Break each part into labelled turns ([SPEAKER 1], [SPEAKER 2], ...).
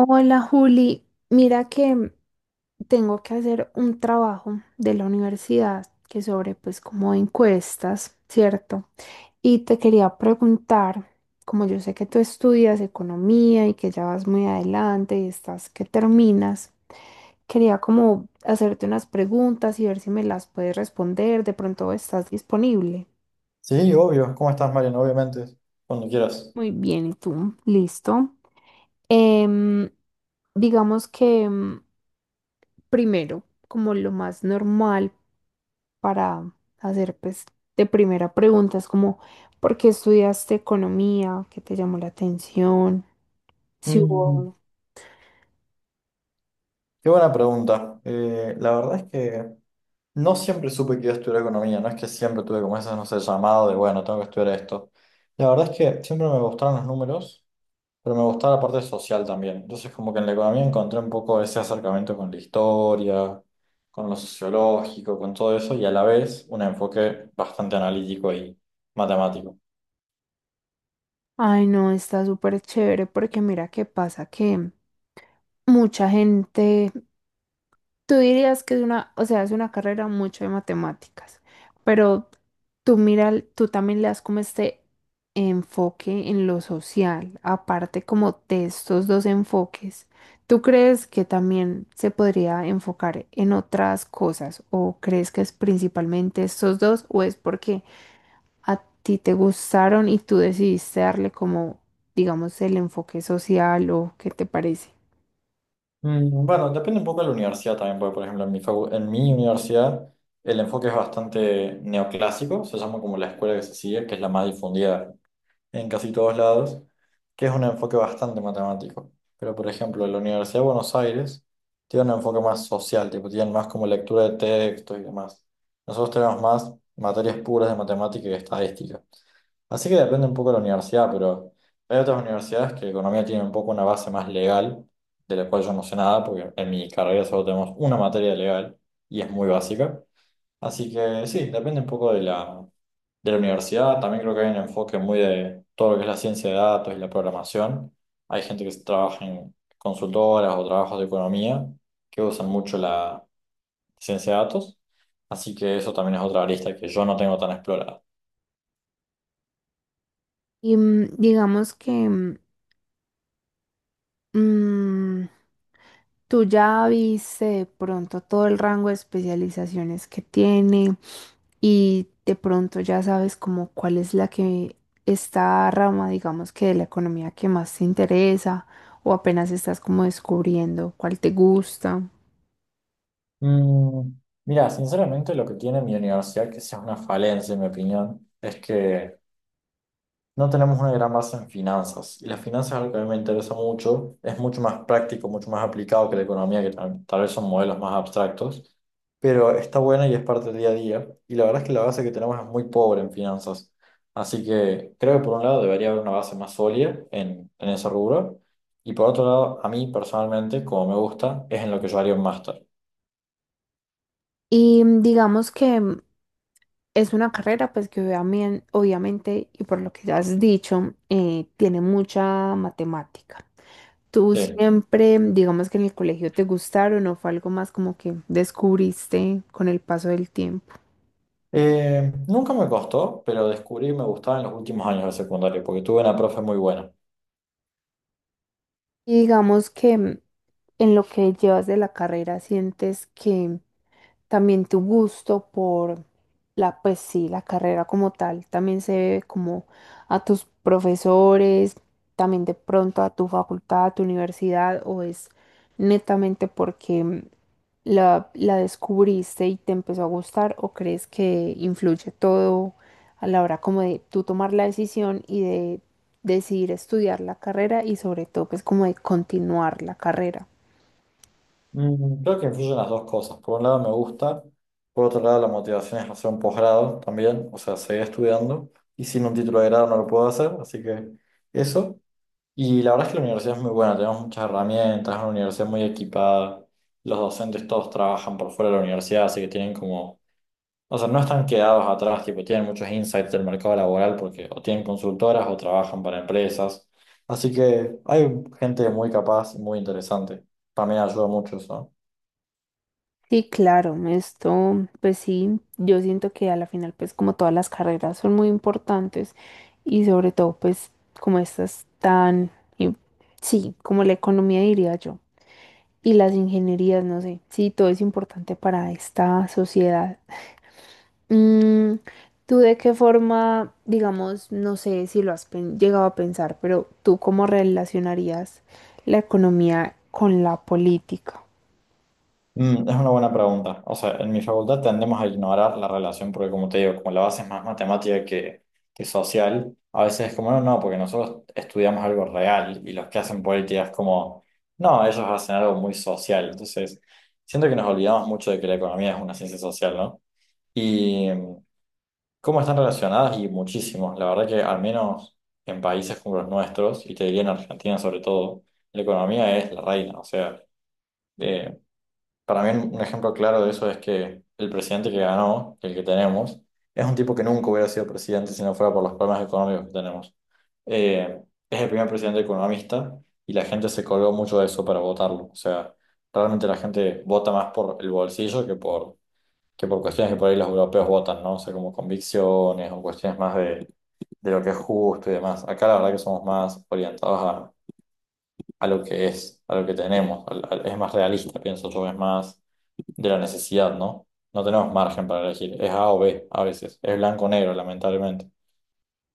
[SPEAKER 1] Hola Juli, mira que tengo que hacer un trabajo de la universidad que sobre pues como encuestas, ¿cierto? Y te quería preguntar, como yo sé que tú estudias economía y que ya vas muy adelante y estás que terminas, quería como hacerte unas preguntas y ver si me las puedes responder, de pronto estás disponible.
[SPEAKER 2] Sí, obvio. ¿Cómo estás, Mariano? Obviamente, cuando quieras.
[SPEAKER 1] Muy bien, ¿y tú? ¿Listo? Em, digamos que primero, como lo más normal para hacer, pues, de primera pregunta, es como, ¿por qué estudiaste economía? ¿Qué te llamó la atención? Si
[SPEAKER 2] Mm,
[SPEAKER 1] hubo...
[SPEAKER 2] qué buena pregunta. La verdad es que no siempre supe que iba a estudiar economía. No es que siempre tuve como ese, no sé, llamado de, bueno, tengo que estudiar esto. La verdad es que siempre me gustaron los números, pero me gustaba la parte social también. Entonces, como que en la economía encontré un poco ese acercamiento con la historia, con lo sociológico, con todo eso, y a la vez un enfoque bastante analítico y matemático.
[SPEAKER 1] Ay, no, está súper chévere porque mira qué pasa que mucha gente. Tú dirías que es una, o sea, es una carrera mucho de matemáticas, pero tú mira, tú también le das como este enfoque en lo social, aparte como de estos dos enfoques. ¿Tú crees que también se podría enfocar en otras cosas o crees que es principalmente estos dos o es porque a ti te gustaron y tú decidiste darle como, digamos, el enfoque social o qué te parece?
[SPEAKER 2] Bueno, depende un poco de la universidad también, porque por ejemplo en mi, en mi universidad el enfoque es bastante neoclásico, se llama como la escuela que se sigue, que es la más difundida en casi todos lados, que es un enfoque bastante matemático. Pero por ejemplo en la Universidad de Buenos Aires tiene un enfoque más social, tipo tienen más como lectura de textos y demás. Nosotros tenemos más materias puras de matemática y estadística. Así que depende un poco de la universidad, pero hay otras universidades que economía tiene un poco una base más legal, de la cual yo no sé nada, porque en mi carrera solo tenemos una materia legal y es muy básica. Así que sí, depende un poco de la universidad. También creo que hay un enfoque muy de todo lo que es la ciencia de datos y la programación. Hay gente que trabaja en consultoras o trabajos de economía que usan mucho la ciencia de datos. Así que eso también es otra arista que yo no tengo tan explorada.
[SPEAKER 1] Y digamos que... Mm, tú ya viste de pronto todo el rango de especializaciones que tiene y de pronto ya sabes como cuál es la que, esta rama, digamos que de la economía que más te interesa o apenas estás como descubriendo cuál te gusta.
[SPEAKER 2] Mm, mira, sinceramente lo que tiene mi universidad, que sea una falencia en mi opinión, es que no tenemos una gran base en finanzas. Y las finanzas es algo que a mí me interesa mucho, es mucho más práctico, mucho más aplicado que la economía, que tal vez son modelos más abstractos, pero está buena y es parte del día a día. Y la verdad es que la base que tenemos es muy pobre en finanzas. Así que creo que por un lado debería haber una base más sólida en ese rubro. Y por otro lado, a mí personalmente, como me gusta, es en lo que yo haría un máster.
[SPEAKER 1] Y digamos que es una carrera pues que obviamente y por lo que ya has dicho, tiene mucha matemática. ¿Tú
[SPEAKER 2] Sí.
[SPEAKER 1] siempre, digamos que en el colegio te gustaron o fue algo más como que descubriste con el paso del tiempo?
[SPEAKER 2] Nunca me costó, pero descubrí que me gustaba en los últimos años de secundaria, porque tuve una profe muy buena.
[SPEAKER 1] Y digamos que en lo que llevas de la carrera sientes que también tu gusto por la, pues sí, la carrera como tal, también se debe como a tus profesores, también de pronto a tu facultad, a tu universidad, o es netamente porque la descubriste y te empezó a gustar, o crees que influye todo a la hora como de tú tomar la decisión y de decidir estudiar la carrera y sobre todo pues como de continuar la carrera.
[SPEAKER 2] Creo que influyen las dos cosas. Por un lado me gusta, por otro lado la motivación es hacer un posgrado también, o sea, seguir estudiando, y sin un título de grado no lo puedo hacer, así que eso. Y la verdad es que la universidad es muy buena, tenemos muchas herramientas, es una universidad muy equipada, los docentes todos trabajan por fuera de la universidad, así que tienen como. O sea, no están quedados atrás, tipo, tienen muchos insights del mercado laboral porque o tienen consultoras o trabajan para empresas. Así que hay gente muy capaz y muy interesante. También ayuda mucho eso.
[SPEAKER 1] Sí, claro, esto, pues sí, yo siento que a la final, pues como todas las carreras son muy importantes y sobre todo, pues como estas tan, y- sí, como la economía diría yo, y las ingenierías, no sé, sí, todo es importante para esta sociedad. Mm, ¿Tú de qué forma, digamos, no sé si lo has llegado a pensar, pero tú cómo relacionarías la economía con la política?
[SPEAKER 2] Es una buena pregunta. O sea, en mi facultad tendemos a ignorar la relación porque, como te digo, como la base es más matemática que social, a veces es como, no, no, porque nosotros estudiamos algo real y los que hacen política es como, no, ellos hacen algo muy social. Entonces, siento que nos olvidamos mucho de que la economía es una ciencia social, ¿no? Y cómo están relacionadas y muchísimos. La verdad que al menos en países como los nuestros, y te diría en Argentina sobre todo, la economía es la reina. O sea, eh, para mí un ejemplo claro de eso es que el presidente que ganó, el que tenemos, es un tipo que nunca hubiera sido presidente si no fuera por los problemas económicos que tenemos. Eh, es el primer presidente economista y la gente se colgó mucho de eso para votarlo. O sea, realmente la gente vota más por el bolsillo que por cuestiones que por ahí los europeos votan, ¿no? O sea, como convicciones o cuestiones más de lo que es justo y demás. Acá la verdad que somos más orientados a lo que es, a lo que tenemos. Es más realista, pienso yo, es más de la necesidad, ¿no? No tenemos margen para elegir, es A o B a veces, es blanco o negro, lamentablemente.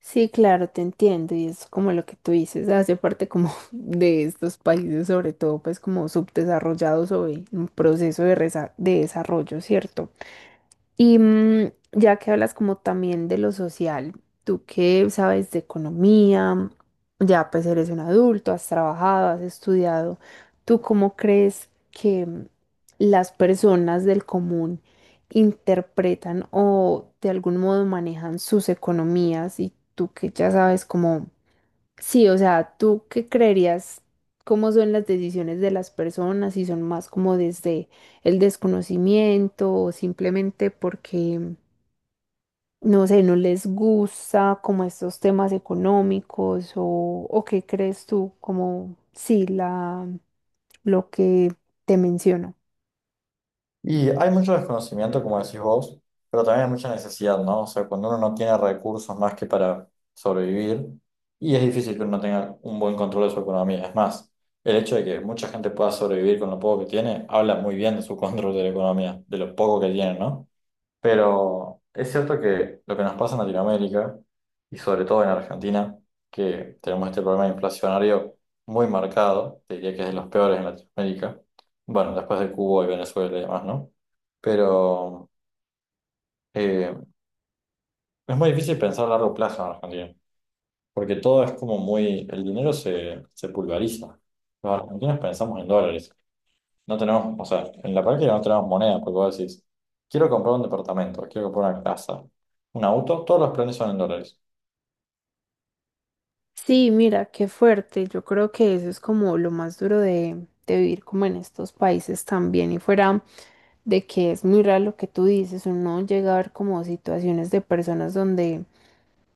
[SPEAKER 1] Sí, claro, te entiendo y es como lo que tú dices, hace parte como de estos países, sobre todo pues como subdesarrollados o en un proceso de, de desarrollo, ¿cierto? Y ya que hablas como también de lo social, tú que sabes de economía, ya pues eres un adulto, has trabajado, has estudiado, ¿tú cómo crees que las personas del común interpretan o de algún modo manejan sus economías y tú que ya sabes cómo? Sí, o sea, ¿tú qué creerías? ¿Cómo son las decisiones de las personas? Si son más como desde el desconocimiento o simplemente porque, no sé, no les gusta como estos temas económicos o qué crees tú como, sí, la, lo que te menciono.
[SPEAKER 2] Y hay mucho desconocimiento, como decís vos, pero también hay mucha necesidad, ¿no? O sea, cuando uno no tiene recursos más que para sobrevivir, y es difícil que uno tenga un buen control de su economía. Es más, el hecho de que mucha gente pueda sobrevivir con lo poco que tiene, habla muy bien de su control de la economía, de lo poco que tiene, ¿no? Pero es cierto que lo que nos pasa en Latinoamérica, y sobre todo en Argentina, que tenemos este problema inflacionario muy marcado, te diría que es de los peores en Latinoamérica, bueno, después de Cuba y Venezuela y demás, ¿no? Pero eh, es muy difícil pensar a largo plazo en Argentina, porque todo es como muy, el dinero se pulveriza. Los argentinos pensamos en dólares. No tenemos, o sea, en la práctica no tenemos moneda, porque vos decís, quiero comprar un departamento, quiero comprar una casa, un auto, todos los planes son en dólares.
[SPEAKER 1] Sí, mira, qué fuerte. Yo creo que eso es como lo más duro de vivir como en estos países también. Y fuera de que es muy raro lo que tú dices, uno llega a ver como situaciones de personas donde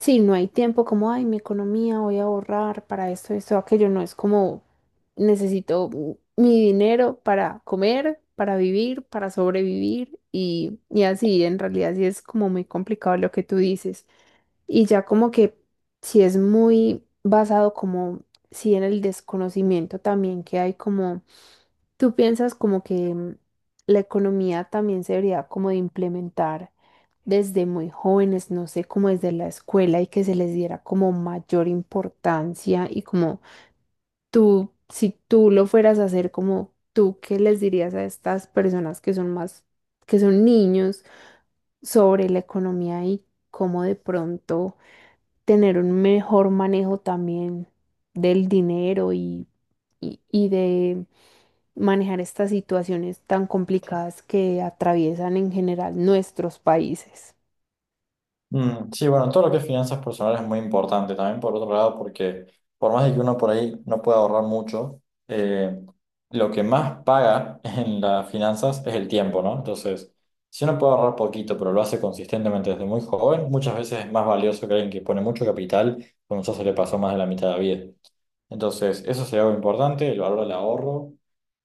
[SPEAKER 1] sí, no hay tiempo, como, ay, mi economía, voy a ahorrar para esto, esto, aquello. No es como necesito mi dinero para comer, para vivir, para sobrevivir y así. En realidad sí es como muy complicado lo que tú dices. Y ya como que si es muy basado como, si en el desconocimiento también que hay como, tú piensas como que la economía también se debería como de implementar desde muy jóvenes, no sé, como desde la escuela y que se les diera como mayor importancia y como tú, si tú lo fueras a hacer como tú, ¿qué les dirías a estas personas que son más, que son niños sobre la economía y cómo de pronto tener un mejor manejo también del dinero y de manejar estas situaciones tan complicadas que atraviesan en general nuestros países?
[SPEAKER 2] Sí, bueno, todo lo que es finanzas personales es muy importante también, por otro lado, porque por más de que uno por ahí no pueda ahorrar mucho, eh, lo que más paga en las finanzas es el tiempo, ¿no? Entonces, si uno puede ahorrar poquito, pero lo hace consistentemente desde muy joven, muchas veces es más valioso que alguien que pone mucho capital, cuando ya se le pasó más de la mitad de la vida. Entonces, eso sería algo importante, el valor del ahorro,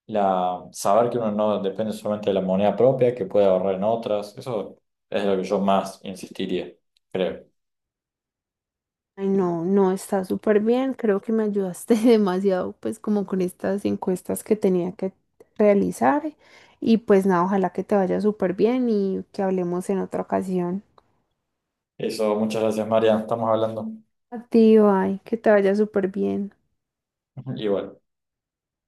[SPEAKER 2] la, saber que uno no depende solamente de la moneda propia, que puede ahorrar en otras, eso es lo que yo más insistiría, creo.
[SPEAKER 1] Ay, no, no está súper bien. Creo que me ayudaste demasiado, pues como con estas encuestas que tenía que realizar. Y pues nada, ojalá que te vaya súper bien y que hablemos en otra ocasión.
[SPEAKER 2] Eso, muchas gracias, María, estamos hablando.
[SPEAKER 1] A ti, ay, que te vaya súper bien.
[SPEAKER 2] Igual.